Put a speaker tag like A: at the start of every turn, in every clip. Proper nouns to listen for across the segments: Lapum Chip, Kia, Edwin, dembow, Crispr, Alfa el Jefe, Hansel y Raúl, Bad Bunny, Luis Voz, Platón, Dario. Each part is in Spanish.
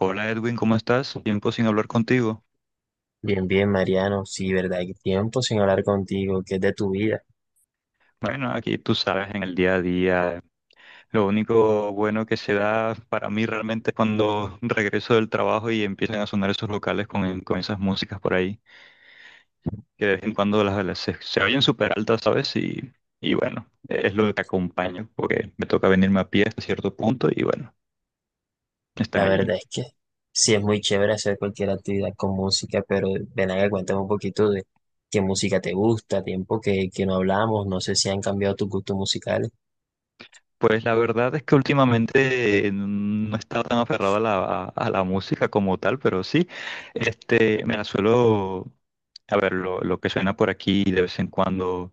A: Hola Edwin, ¿cómo estás? Tiempo sin hablar contigo.
B: Bien, bien, Mariano. Sí, verdad, hay tiempo sin hablar contigo, que es de tu vida.
A: Bueno, aquí tú sabes, en el día a día, lo único bueno que se da para mí realmente es cuando regreso del trabajo y empiezan a sonar esos locales con esas músicas por ahí, que de vez en cuando se oyen súper altas, ¿sabes? Y bueno, es lo que acompaño, porque me toca venirme a pie hasta cierto punto y bueno, están
B: La
A: allí.
B: verdad es que sí es muy chévere hacer cualquier actividad con música, pero ven acá, cuéntame un poquito de qué música te gusta, tiempo que no hablamos, no sé si han cambiado tus gustos musicales.
A: Pues la verdad es que últimamente no he estado tan aferrado a a la música como tal, pero sí, me la suelo, a ver, lo que suena por aquí de vez en cuando,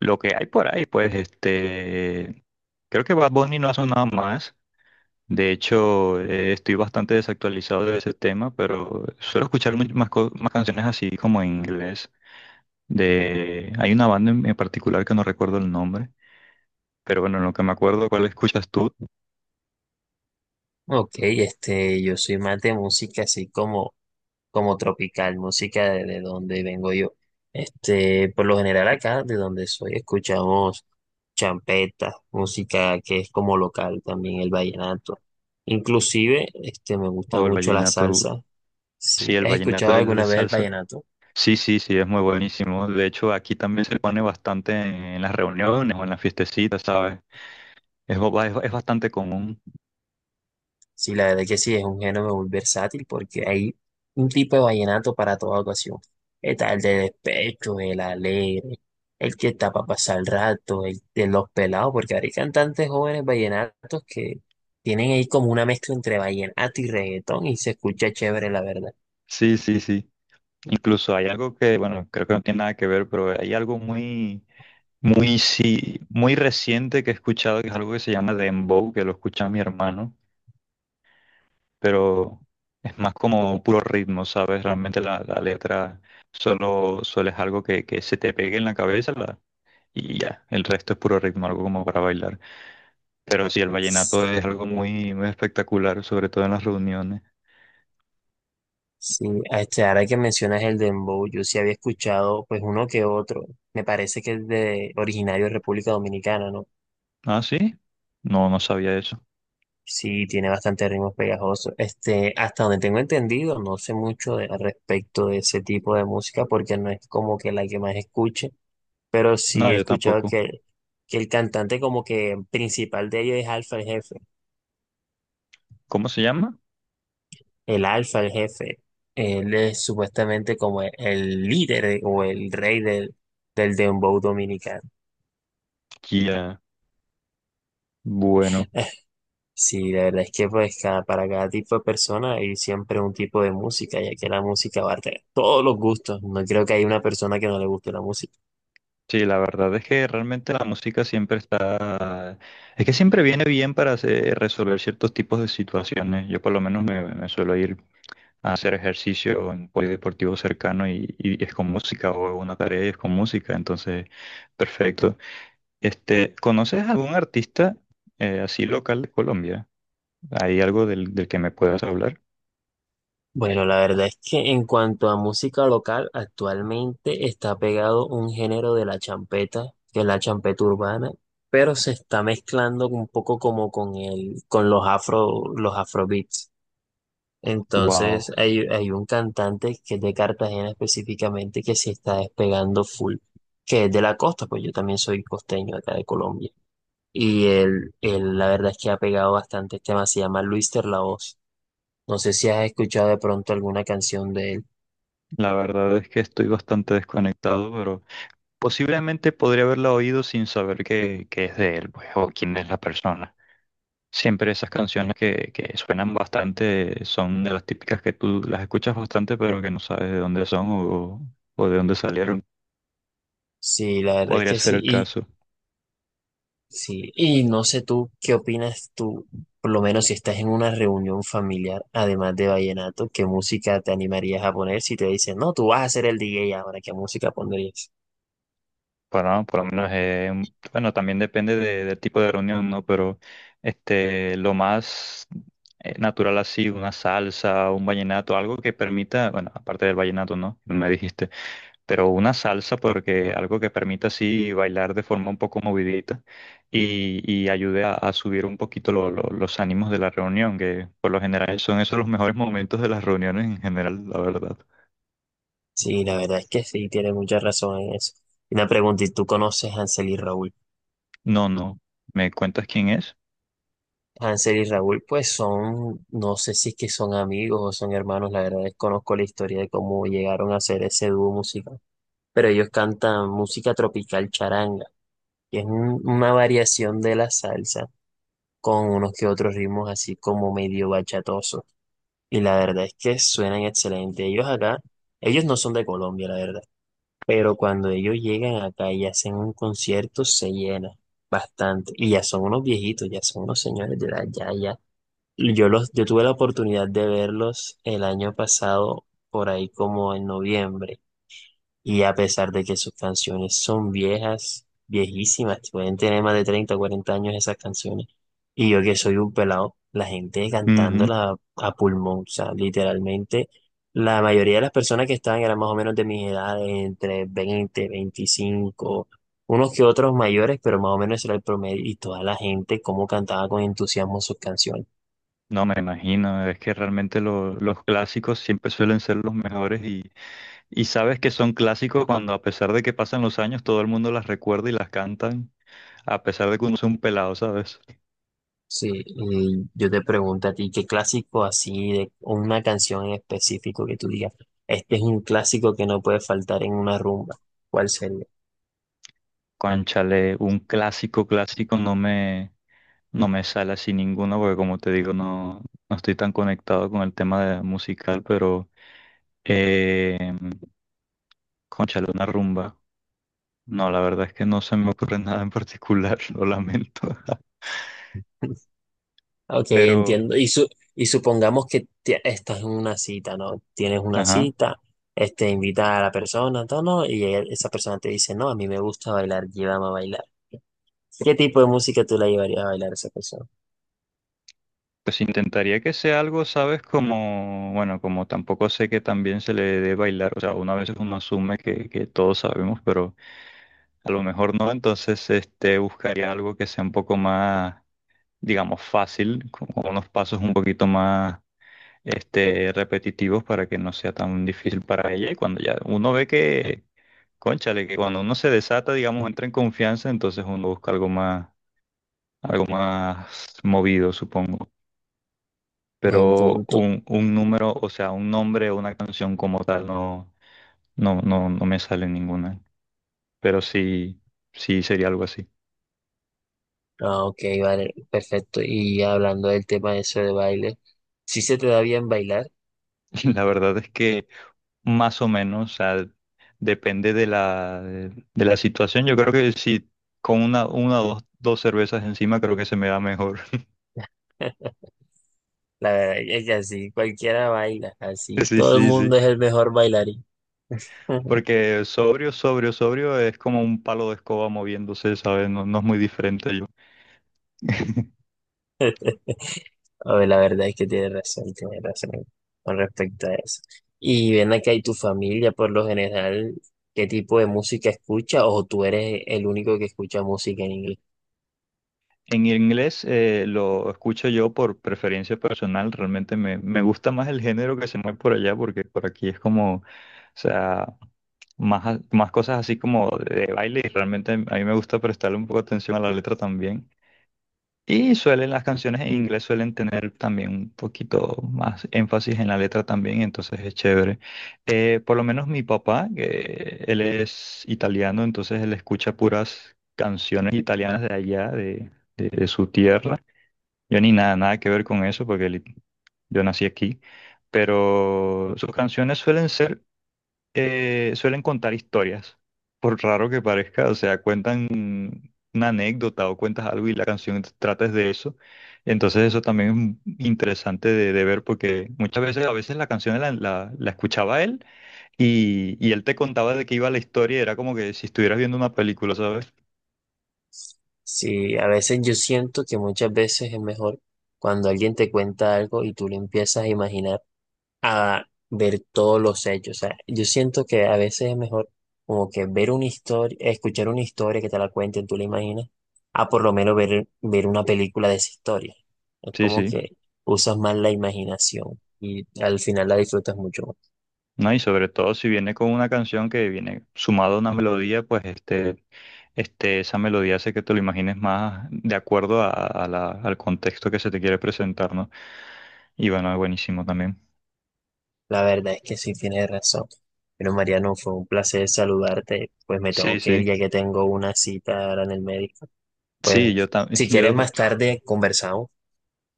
A: lo que hay por ahí, pues este, creo que Bad Bunny no ha sonado más, de hecho estoy bastante desactualizado de ese tema, pero suelo escuchar más canciones así como en inglés, de, hay una banda en particular que no recuerdo el nombre, pero bueno, en lo que me acuerdo, ¿cuál escuchas tú?
B: Ok, este, yo soy más de música así como tropical, música de donde vengo yo. Este, por lo general acá, de donde soy, escuchamos champeta, música que es como local también, el vallenato. Inclusive, este, me gusta
A: O el
B: mucho la
A: vallenato,
B: salsa. Si,
A: sí, el
B: ¿has
A: vallenato
B: escuchado
A: del
B: alguna vez el
A: salsa.
B: vallenato?
A: Sí, sí, sí, es muy buenísimo. De hecho, aquí también se pone bastante en las reuniones o en las fiestecitas, ¿sabes? Es bastante común.
B: Sí, la verdad que sí, es un género muy versátil porque hay un tipo de vallenato para toda ocasión. Está el de despecho, el alegre, el que está para pasar el rato, el de los pelados, porque ahora hay cantantes jóvenes vallenatos que tienen ahí como una mezcla entre vallenato y reggaetón y se escucha chévere, la verdad.
A: Sí, sí, sí. Incluso hay algo que, bueno, creo que no tiene nada que ver, pero hay algo muy reciente que he escuchado, que es algo que se llama dembow, que lo escucha mi hermano, pero es más como puro ritmo, ¿sabes? Realmente la letra solo es algo que se te pegue en la cabeza. Y ya, el resto es puro ritmo, algo como para bailar. Pero sí, el vallenato es algo muy, muy espectacular, sobre todo en las reuniones.
B: Sí, este, ahora que mencionas el dembow, yo sí había escuchado pues uno que otro. Me parece que es de originario de República Dominicana, ¿no?
A: Ah, sí, no sabía eso.
B: Sí, tiene bastante ritmos pegajosos. Este, hasta donde tengo entendido, no sé mucho al respecto de ese tipo de música porque no es como que la que más escuche, pero
A: No,
B: sí he
A: yo
B: escuchado
A: tampoco.
B: que el cantante como que principal de ellos es Alfa el Jefe.
A: ¿Cómo se llama?
B: El Alfa el Jefe, él es supuestamente como el líder, o el rey del dembow dominicano.
A: Kia. Bueno,
B: Sí, la verdad es que pues cada, para cada tipo de persona hay siempre un tipo de música, ya que la música abarca todos los gustos. No creo que haya una persona que no le guste la música.
A: sí, la verdad es que realmente la música siempre está, es que siempre viene bien para resolver ciertos tipos de situaciones. Yo por lo menos me suelo ir a hacer ejercicio en polideportivo cercano y es con música o una tarea y es con música, entonces, perfecto. Este, ¿conoces algún artista así local de Colombia? ¿Hay algo del que me puedas hablar?
B: Bueno, la verdad es que en cuanto a música local, actualmente está pegado un género de la champeta, que es la champeta urbana, pero se está mezclando un poco como con el, con los afro, los afrobeats. Entonces
A: Wow,
B: hay un cantante que es de Cartagena específicamente que se está despegando full, que es de la costa, pues yo también soy costeño acá de Colombia. Y él la verdad es que ha pegado bastantes temas, se llama Luis Voz. No sé si has escuchado de pronto alguna canción de él.
A: la verdad es que estoy bastante desconectado, pero posiblemente podría haberla oído sin saber que es de él, pues, o quién es la persona. Siempre esas canciones que suenan bastante son de las típicas que tú las escuchas bastante, pero que no sabes de dónde son o de dónde salieron.
B: Sí, la verdad es
A: Podría
B: que
A: ser
B: sí.
A: el
B: Y,
A: caso.
B: sí. Y no sé tú, ¿qué opinas tú? Por lo menos si estás en una reunión familiar, además de vallenato, ¿qué música te animarías a poner si te dicen, no, tú vas a ser el DJ ahora, ¿qué música pondrías?
A: Bueno, por lo menos, bueno, también depende del tipo de reunión, ¿no? Pero este, lo más natural así, una salsa, un vallenato, algo que permita, bueno, aparte del vallenato, ¿no? Me dijiste, pero una salsa porque algo que permita así bailar de forma un poco movidita y ayude a subir un poquito los ánimos de la reunión, que por lo general son esos los mejores momentos de las reuniones en general, la verdad.
B: Sí, la verdad es que sí, tiene mucha razón en eso. Y una pregunta, ¿y tú conoces a Hansel y Raúl?
A: No, no, ¿me cuentas quién es?
B: Hansel y Raúl, pues son, no sé si es que son amigos o son hermanos, la verdad desconozco la historia de cómo llegaron a ser ese dúo musical. Pero ellos cantan música tropical charanga, que es una variación de la salsa con unos que otros ritmos así como medio bachatosos. Y la verdad es que suenan excelente. Ellos acá, ellos no son de Colombia, la verdad. Pero cuando ellos llegan acá y hacen un concierto, se llena bastante. Y ya son unos viejitos, ya son unos señores de edad, ya, ya. Y yo los, yo tuve la oportunidad de verlos el año pasado, por ahí como en noviembre. Y a pesar de que sus canciones son viejas, viejísimas, pueden tener más de 30, o 40 años esas canciones. Y yo que soy un pelado, la gente cantándola a pulmón, o sea, literalmente, la mayoría de las personas que estaban eran más o menos de mi edad, entre 20, 25, unos que otros mayores, pero más o menos ese era el promedio. Y toda la gente, cómo cantaba con entusiasmo sus canciones.
A: No me imagino, es que realmente los clásicos siempre suelen ser los mejores y sabes que son clásicos cuando a pesar de que pasan los años todo el mundo las recuerda y las cantan, a pesar de que uno sea un pelado, ¿sabes?
B: Sí, y yo te pregunto a ti, ¿qué clásico así de o una canción en específico que tú digas? Este es un clásico que no puede faltar en una rumba. ¿Cuál sería?
A: Cónchale, un clásico clásico no me sale así ninguno porque como te digo no, no estoy tan conectado con el tema de musical, pero eh, cónchale, una rumba. No, la verdad es que no se me ocurre nada en particular, lo lamento.
B: Ok,
A: Pero,
B: entiendo. Y, y supongamos que estás en una cita, ¿no? Tienes una
A: ajá,
B: cita, este, invita a la persona, todo, ¿no? Esa persona te dice, no, a mí me gusta bailar, llévame a bailar. ¿Qué tipo de música tú la llevarías a bailar a esa persona?
A: pues intentaría que sea algo, ¿sabes? Como, bueno, como tampoco sé que también se le dé bailar, o sea, una vez uno asume que todos sabemos, pero a lo mejor no, entonces este, buscaría algo que sea un poco más, digamos, fácil, con unos pasos un poquito más este, repetitivos para que no sea tan difícil para ella. Y cuando ya uno ve que, cónchale, que cuando uno se desata, digamos, entra en confianza, entonces uno busca algo más movido, supongo.
B: Buen
A: Pero
B: punto.
A: un número, o sea, un nombre o una canción como tal no, no me sale ninguna. Pero sí, sí sería algo así.
B: Ah, ok, vale, perfecto. Y hablando del tema de eso de baile. Si se te da bien bailar.
A: La verdad es que más o menos, o sea, depende de de la situación. Yo creo que si con una o dos cervezas encima creo que se me da mejor.
B: La verdad es que así cualquiera baila, así
A: Sí,
B: todo el
A: sí,
B: mundo
A: sí.
B: es el mejor bailarín.
A: Porque sobrio es como un palo de escoba moviéndose, ¿sabes? No, no es muy diferente yo.
B: A ver, la verdad es que tienes razón con respecto a eso. Y ven acá, ¿y tu familia por lo general qué tipo de música escucha o tú eres el único que escucha música en inglés?
A: En inglés lo escucho yo por preferencia personal, realmente me gusta más el género que se mueve por allá porque por aquí es como, o sea, más cosas así como de baile y realmente a mí me gusta prestarle un poco de atención a la letra también. Y suelen, las canciones en inglés suelen tener también un poquito más énfasis en la letra también, entonces es chévere. Por lo menos mi papá, que él es italiano, entonces él escucha puras canciones italianas de allá, de su tierra. Yo ni nada, nada que ver con eso, porque yo nací aquí, pero sus canciones suelen ser, suelen contar historias, por raro que parezca, o sea, cuentan una anécdota o cuentas algo y la canción trata es de eso. Entonces eso también es interesante de ver porque muchas veces, a veces la canción la, la- la escuchaba él y él te contaba de qué iba la historia y era como que si estuvieras viendo una película, ¿sabes?
B: Sí, a veces yo siento que muchas veces es mejor cuando alguien te cuenta algo y tú le empiezas a imaginar a ver todos los hechos. O sea, yo siento que a veces es mejor como que ver una historia, escuchar una historia que te la cuenten, tú la imaginas, a por lo menos ver una película de esa historia. Es
A: Sí,
B: como
A: sí.
B: que usas más la imaginación y al final la disfrutas mucho más.
A: ¿No? Y sobre todo si viene con una canción que viene sumada a una melodía, pues este, esa melodía hace que te lo imagines más de acuerdo a al contexto que se te quiere presentar, ¿no? Y bueno, es buenísimo también.
B: La verdad es que sí tienes razón. Pero Mariano, fue un placer saludarte. Pues me
A: Sí,
B: tengo que ir
A: sí,
B: ya que tengo una cita ahora en el médico.
A: sí, yo
B: Pues
A: también,
B: si
A: yo,
B: quieres más tarde conversamos.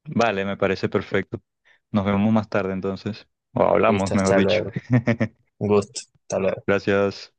A: vale, me parece perfecto. Nos vemos más tarde entonces, o hablamos,
B: Listo,
A: mejor
B: hasta
A: dicho.
B: luego. Un gusto. Hasta luego.
A: Gracias.